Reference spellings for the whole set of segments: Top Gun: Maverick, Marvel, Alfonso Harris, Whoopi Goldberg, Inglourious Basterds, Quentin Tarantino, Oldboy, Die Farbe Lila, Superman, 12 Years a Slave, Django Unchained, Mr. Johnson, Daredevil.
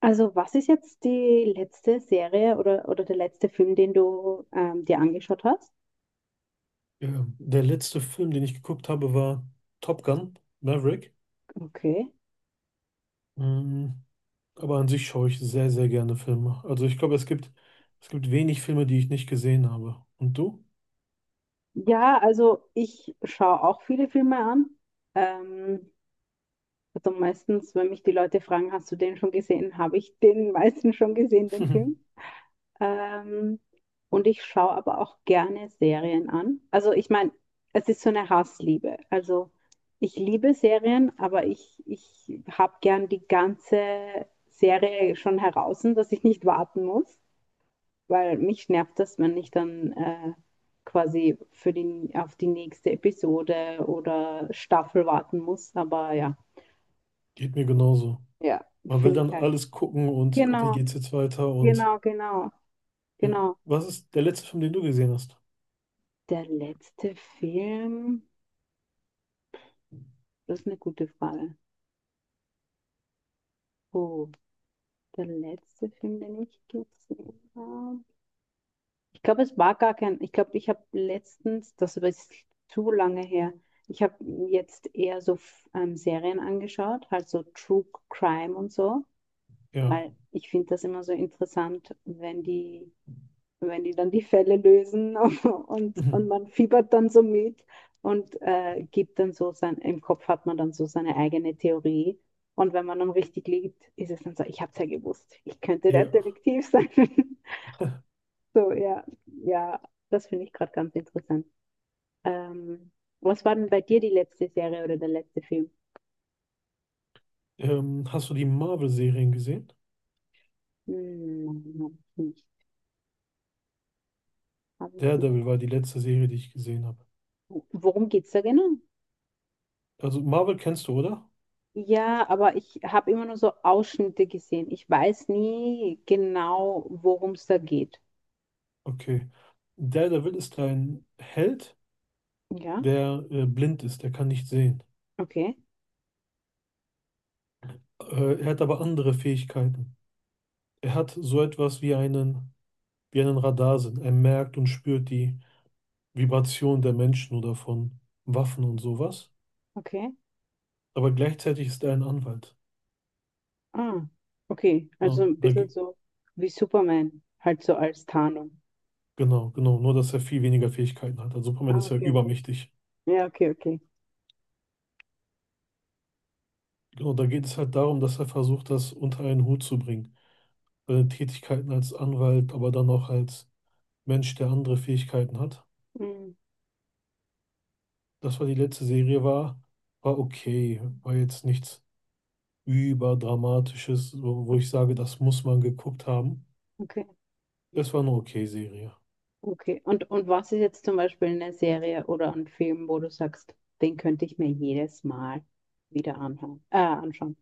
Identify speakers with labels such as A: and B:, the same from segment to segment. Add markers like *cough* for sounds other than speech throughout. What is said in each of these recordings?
A: Also, was ist jetzt die letzte Serie oder der letzte Film, den du dir angeschaut hast?
B: Ja, der letzte Film, den ich geguckt habe, war Top Gun, Maverick.
A: Okay.
B: Mm, aber an sich schaue ich sehr, sehr gerne Filme. Also ich glaube, es gibt wenig Filme, die ich nicht gesehen habe. Und du?
A: Ja, also ich schaue auch viele Filme an. Ähm, also meistens, wenn mich die Leute fragen, hast du den schon gesehen, habe ich den meisten schon gesehen, den Film.
B: *laughs*
A: Ähm, und ich schaue aber auch gerne Serien an. Also ich meine, es ist so eine Hassliebe. Also ich liebe Serien, aber ich habe gern die ganze Serie schon heraus, dass ich nicht warten muss, weil mich nervt das, wenn ich dann quasi für die, auf die nächste Episode oder Staffel warten muss. Aber ja,
B: Geht mir genauso.
A: ja,
B: Man will
A: finde ich
B: dann
A: halt.
B: alles gucken und okay, wie
A: Genau,
B: geht's jetzt weiter und
A: genau, genau,
B: ja.
A: genau.
B: Was ist der letzte Film, den du gesehen hast?
A: Der letzte Film. Das ist eine gute Frage. Oh, der letzte Film, den ich gesehen habe. Ich glaube, es war gar kein. Ich glaube, ich habe letztens, das aber ist zu lange her, ich habe jetzt eher so Serien angeschaut, halt so True Crime und so,
B: Ja.
A: weil ich finde das immer so interessant, wenn die wenn die dann die Fälle lösen *laughs* und man
B: *laughs*
A: fiebert dann so mit und gibt dann so sein, im Kopf hat man dann so seine eigene Theorie. Und wenn man dann richtig liegt, ist es dann so, ich habe es ja gewusst, ich könnte der
B: Ja.
A: Detektiv sein. *laughs* So, ja, ja, das finde ich gerade ganz interessant. Ähm, Was war denn bei dir die letzte Serie oder der letzte Film?
B: Hast du die Marvel-Serien gesehen?
A: Hm, hab ich nicht.
B: Daredevil war die letzte Serie, die ich gesehen habe.
A: Worum geht es da genau?
B: Also Marvel kennst du, oder?
A: Ja, aber ich habe immer nur so Ausschnitte gesehen. Ich weiß nie genau, worum es da geht.
B: Okay. Daredevil ist ein Held,
A: Ja,
B: der blind ist, er kann nicht sehen.
A: okay,
B: Er hat aber andere Fähigkeiten. Er hat so etwas wie einen Radarsinn. Er merkt und spürt die Vibration der Menschen oder von Waffen und sowas.
A: okay.
B: Aber gleichzeitig ist er ein Anwalt.
A: Ah, okay.
B: Ne,
A: Also ein
B: da,
A: bisschen
B: ge-
A: so wie Superman, halt so als Tarnung.
B: genau, genau. Nur, dass er viel weniger Fähigkeiten hat. Also Superman
A: Ah,
B: ist ja
A: okay, okay.
B: übermächtig.
A: Ja, okay, okay.
B: Genau, da geht es halt darum, dass er versucht, das unter einen Hut zu bringen. Seine Tätigkeiten als Anwalt, aber dann auch als Mensch, der andere Fähigkeiten hat.
A: Mm,
B: Das, was die letzte Serie war, war okay. War jetzt nichts überdramatisches, wo ich sage, das muss man geguckt haben.
A: okay,
B: Es war eine okay Serie.
A: okay. Und was ist jetzt zum Beispiel eine Serie oder ein Film, wo du sagst, den könnte ich mir jedes Mal wieder anhören, anschauen?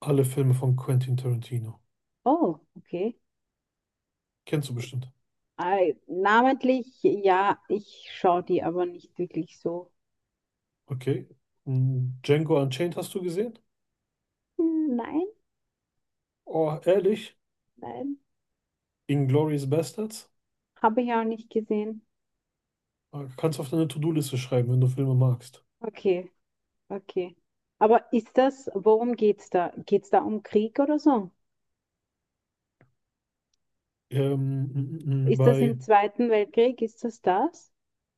B: Alle Filme von Quentin Tarantino.
A: Oh, okay.
B: Kennst du bestimmt.
A: Namentlich, ja, ich schaue die aber nicht wirklich so.
B: Okay. Mm, Django Unchained hast du gesehen?
A: Hm, nein,
B: Oh, ehrlich?
A: nein,
B: Inglourious Basterds?
A: habe ich auch nicht gesehen.
B: Ah, kannst du auf deine To-Do-Liste schreiben, wenn du Filme magst.
A: Okay, okay. Aber ist das, worum geht's da? Geht's da um Krieg oder so? Ist das
B: Bei
A: im Zweiten Weltkrieg? Ist das das?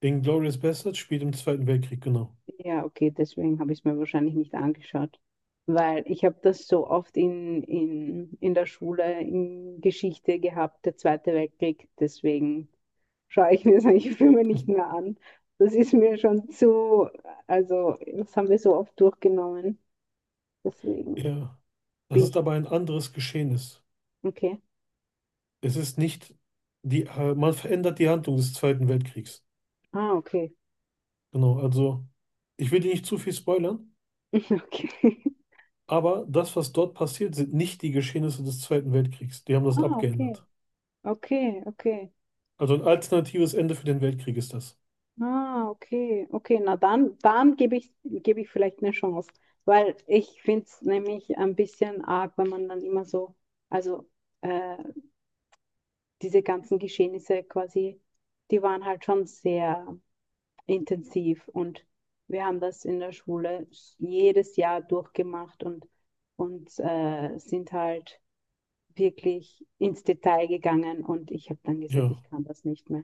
B: Inglourious Basterds spielt im Zweiten Weltkrieg, genau.
A: Ja, okay, deswegen habe ich es mir wahrscheinlich nicht angeschaut, weil ich habe das so oft in der Schule in Geschichte gehabt, der Zweite Weltkrieg. Deswegen schaue *laughs* ich mir solche Filme nicht mehr an. Das ist mir schon zu, also das haben wir so oft durchgenommen. Deswegen
B: Ja. Das
A: bin
B: ist
A: ich,
B: aber ein anderes Geschehnis.
A: okay.
B: Es ist nicht die, man verändert die Handlung des Zweiten Weltkriegs.
A: Ah, okay. *laughs*
B: Genau, also ich will dir nicht zu viel spoilern,
A: Okay.
B: aber das, was dort passiert, sind nicht die Geschehnisse des Zweiten Weltkriegs. Die haben das
A: Ah, okay.
B: abgeändert.
A: Okay, okay.
B: Also ein alternatives Ende für den Weltkrieg ist das.
A: Ah, okay. Okay, na dann, dann gebe ich vielleicht eine Chance. Weil ich finde es nämlich ein bisschen arg, wenn man dann immer so, also äh, diese ganzen Geschehnisse quasi, die waren halt schon sehr intensiv. Und wir haben das in der Schule jedes Jahr durchgemacht und sind halt wirklich ins Detail gegangen. Und ich habe dann gesagt, ich
B: Ja,
A: kann das nicht mehr.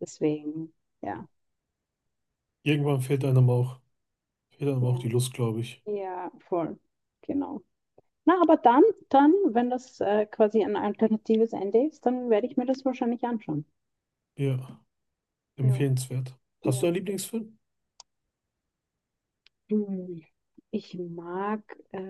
A: Deswegen, ja,
B: irgendwann fehlt einem auch die
A: ja,
B: Lust, glaube ich.
A: ja, voll. Genau. Na, aber dann, dann, wenn das quasi ein alternatives Ende ist, dann werde ich mir das wahrscheinlich anschauen.
B: Ja,
A: Ja,
B: empfehlenswert. Hast du
A: ja.
B: einen Lieblingsfilm?
A: Hm. Ich mag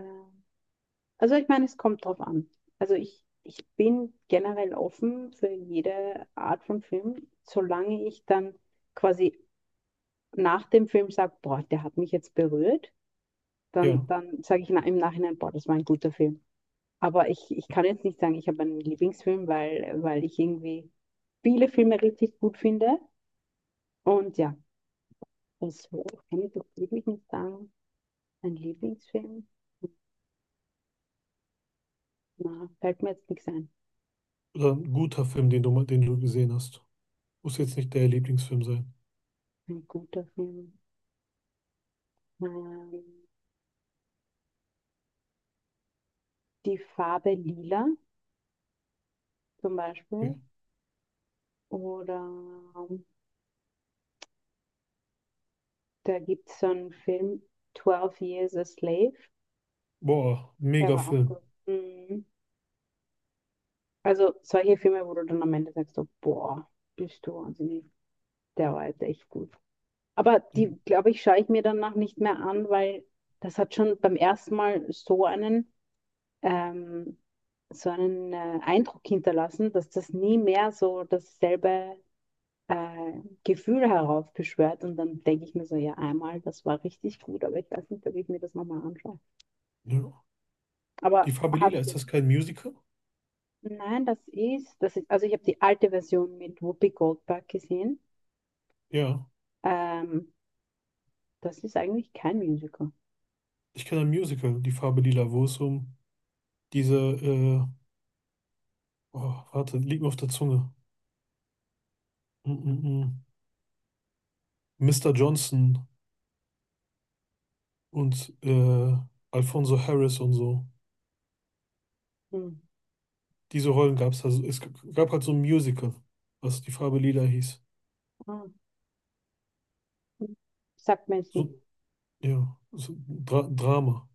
A: Also ich meine, es kommt drauf an. Also ich bin generell offen für jede Art von Film, solange ich dann quasi nach dem Film sage, boah, der hat mich jetzt berührt, dann,
B: Ja,
A: dann sage ich im Nachhinein, boah, das war ein guter Film. Aber ich kann jetzt nicht sagen, ich habe einen Lieblingsfilm, weil, weil ich irgendwie viele Filme richtig gut finde. Und ja, das kann ich doch wirklich nicht sagen. Ein Lieblingsfilm? Na, fällt mir jetzt nichts ein.
B: oder ein guter Film, den du, mal- den du gesehen hast. Muss jetzt nicht der Lieblingsfilm sein.
A: Ein guter Film. Nein. Die Farbe Lila zum Beispiel.
B: Okay.
A: Oder ähm, da gibt es so einen Film, 12 Years a Slave.
B: Boah,
A: Der
B: mega
A: war auch
B: Film.
A: gut. Mhm. Also solche Filme, wo du dann am Ende sagst, so, boah, bist du wahnsinnig. Der war jetzt echt gut. Aber
B: Ja,
A: die, glaube ich, schaue ich mir danach nicht mehr an, weil das hat schon beim ersten Mal ähm, so einen Eindruck hinterlassen, dass das nie mehr so dasselbe äh, Gefühle heraufbeschwört und dann denke ich mir so, ja, einmal, das war richtig gut, aber ich weiß nicht, ob ich mir das nochmal anschaue.
B: ja.
A: Aber
B: Die Farbe Lila,
A: hast
B: ist
A: du,
B: das kein Musical?
A: nein, das ist, also ich habe die alte Version mit Whoopi Goldberg gesehen.
B: Ja,
A: Ähm, Das ist eigentlich kein Musical.
B: ich kenne ein Musical, Die Farbe Lila, wo es um diese, äh, oh, warte, liegt mir auf der Zunge. Mm -mm. Mm. Mr. Johnson und Alfonso Harris und so.
A: Hm.
B: Diese Rollen gab es also. Es g- gab halt so ein Musical, was Die Farbe Lila hieß.
A: Ah, hm. Sagt mir jetzt nicht.
B: So, ja, so ein Drama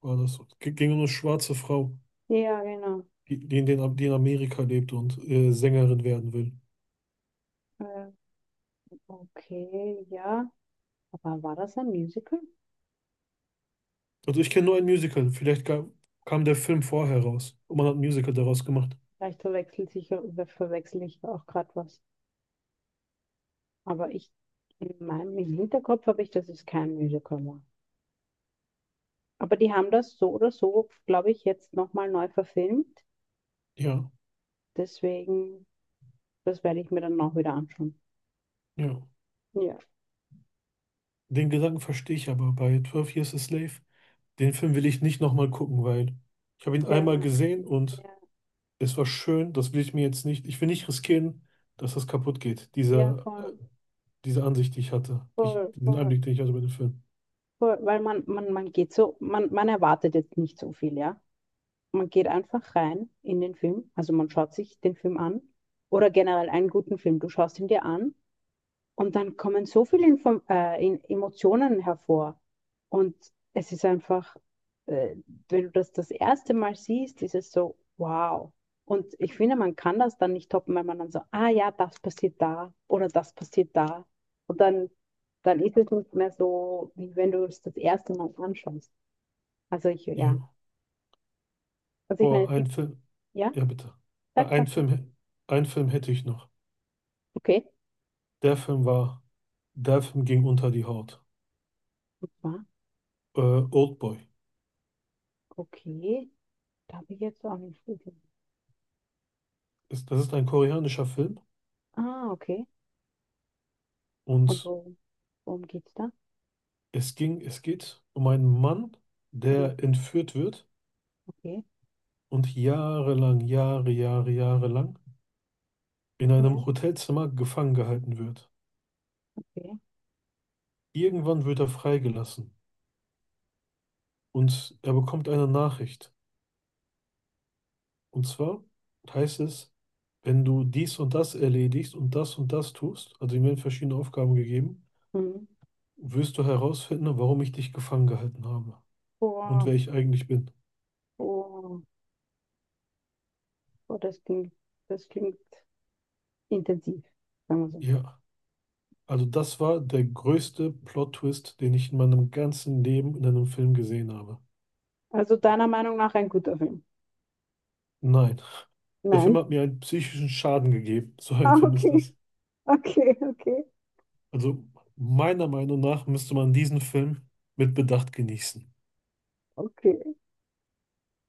B: war das. G- Ging um eine schwarze Frau,
A: Ja, genau.
B: die in Amerika lebt und Sängerin werden will.
A: Äh, okay, ja. Aber war das ein Musical?
B: Also ich kenne nur ein Musical. Vielleicht ga- kam der Film vorher raus und man hat ein Musical daraus gemacht.
A: Vielleicht verwechselt sich, ja, verwechsel ich auch gerade was. Aber ich, in meinem im Hinterkopf habe ich, dass es kein Musical war. Aber die haben das so oder so, glaube ich, jetzt nochmal neu verfilmt.
B: Ja,
A: Deswegen, das werde ich mir dann auch wieder anschauen.
B: ja.
A: Ja,
B: Den Gedanken verstehe ich aber bei 12 Years a Slave. Den Film will ich nicht nochmal gucken, weil ich habe ihn
A: der
B: einmal
A: war,
B: gesehen und
A: ja,
B: es war schön. Das will ich mir jetzt nicht. Ich will nicht riskieren, dass das kaputt geht.
A: ja,
B: Diese,
A: voll,
B: diese Ansicht, die ich hatte. Die ich,
A: voll,
B: den
A: voll,
B: Einblick, den ich hatte bei dem Film.
A: voll. Weil man geht so, man erwartet jetzt nicht so viel, ja. Man geht einfach rein in den Film. Also man schaut sich den Film an. Oder generell einen guten Film. Du schaust ihn dir an und dann kommen so viele Info in Emotionen hervor. Und es ist einfach, äh, wenn du das erste Mal siehst, ist es so, wow. Und ich finde, man kann das dann nicht toppen, weil man dann so, ah ja, das passiert da oder das passiert da. Und dann, dann ist es nicht mehr so, wie wenn du es das erste Mal anschaust. Also ich, ja.
B: Ja.
A: Also ich meine,
B: Boah,
A: es
B: ein
A: gibt,
B: Film.
A: ja,
B: Ja, bitte.
A: sag,
B: Ein
A: sag, sag.
B: Film, ein Film hätte ich noch.
A: Okay.
B: Der Film war, der Film ging unter die Haut.
A: Und zwar,
B: Äh, Oldboy.
A: okay, da habe ich jetzt so einen Vogel.
B: Das ist ein koreanischer Film
A: Ah, okay. Und
B: und
A: worum, worum geht's da?
B: es geht um einen Mann,
A: Hm,
B: der entführt wird
A: okay,
B: und jahrelang, Jahre, Jahre, Jahre lang in
A: ja.
B: einem Hotelzimmer gefangen gehalten wird.
A: Okay.
B: Irgendwann wird er freigelassen und er bekommt eine Nachricht. Und zwar heißt es, wenn du dies und das erledigst und das tust, also ihm werden verschiedene Aufgaben gegeben,
A: Hm.
B: wirst du herausfinden, warum ich dich gefangen gehalten habe und wer
A: Boah,
B: ich eigentlich bin.
A: boah, boah, das klingt intensiv, sagen wir so.
B: Ja. Also das war der größte Plot-Twist, den ich in meinem ganzen Leben in einem Film gesehen habe.
A: Also deiner Meinung nach ein guter Film?
B: Nein, der Film
A: Nein. *laughs*
B: hat mir einen psychischen Schaden gegeben. So
A: Ah,
B: ein Film ist
A: okay,
B: das.
A: okay, okay,
B: Also meiner Meinung nach müsste man diesen Film mit Bedacht genießen.
A: okay.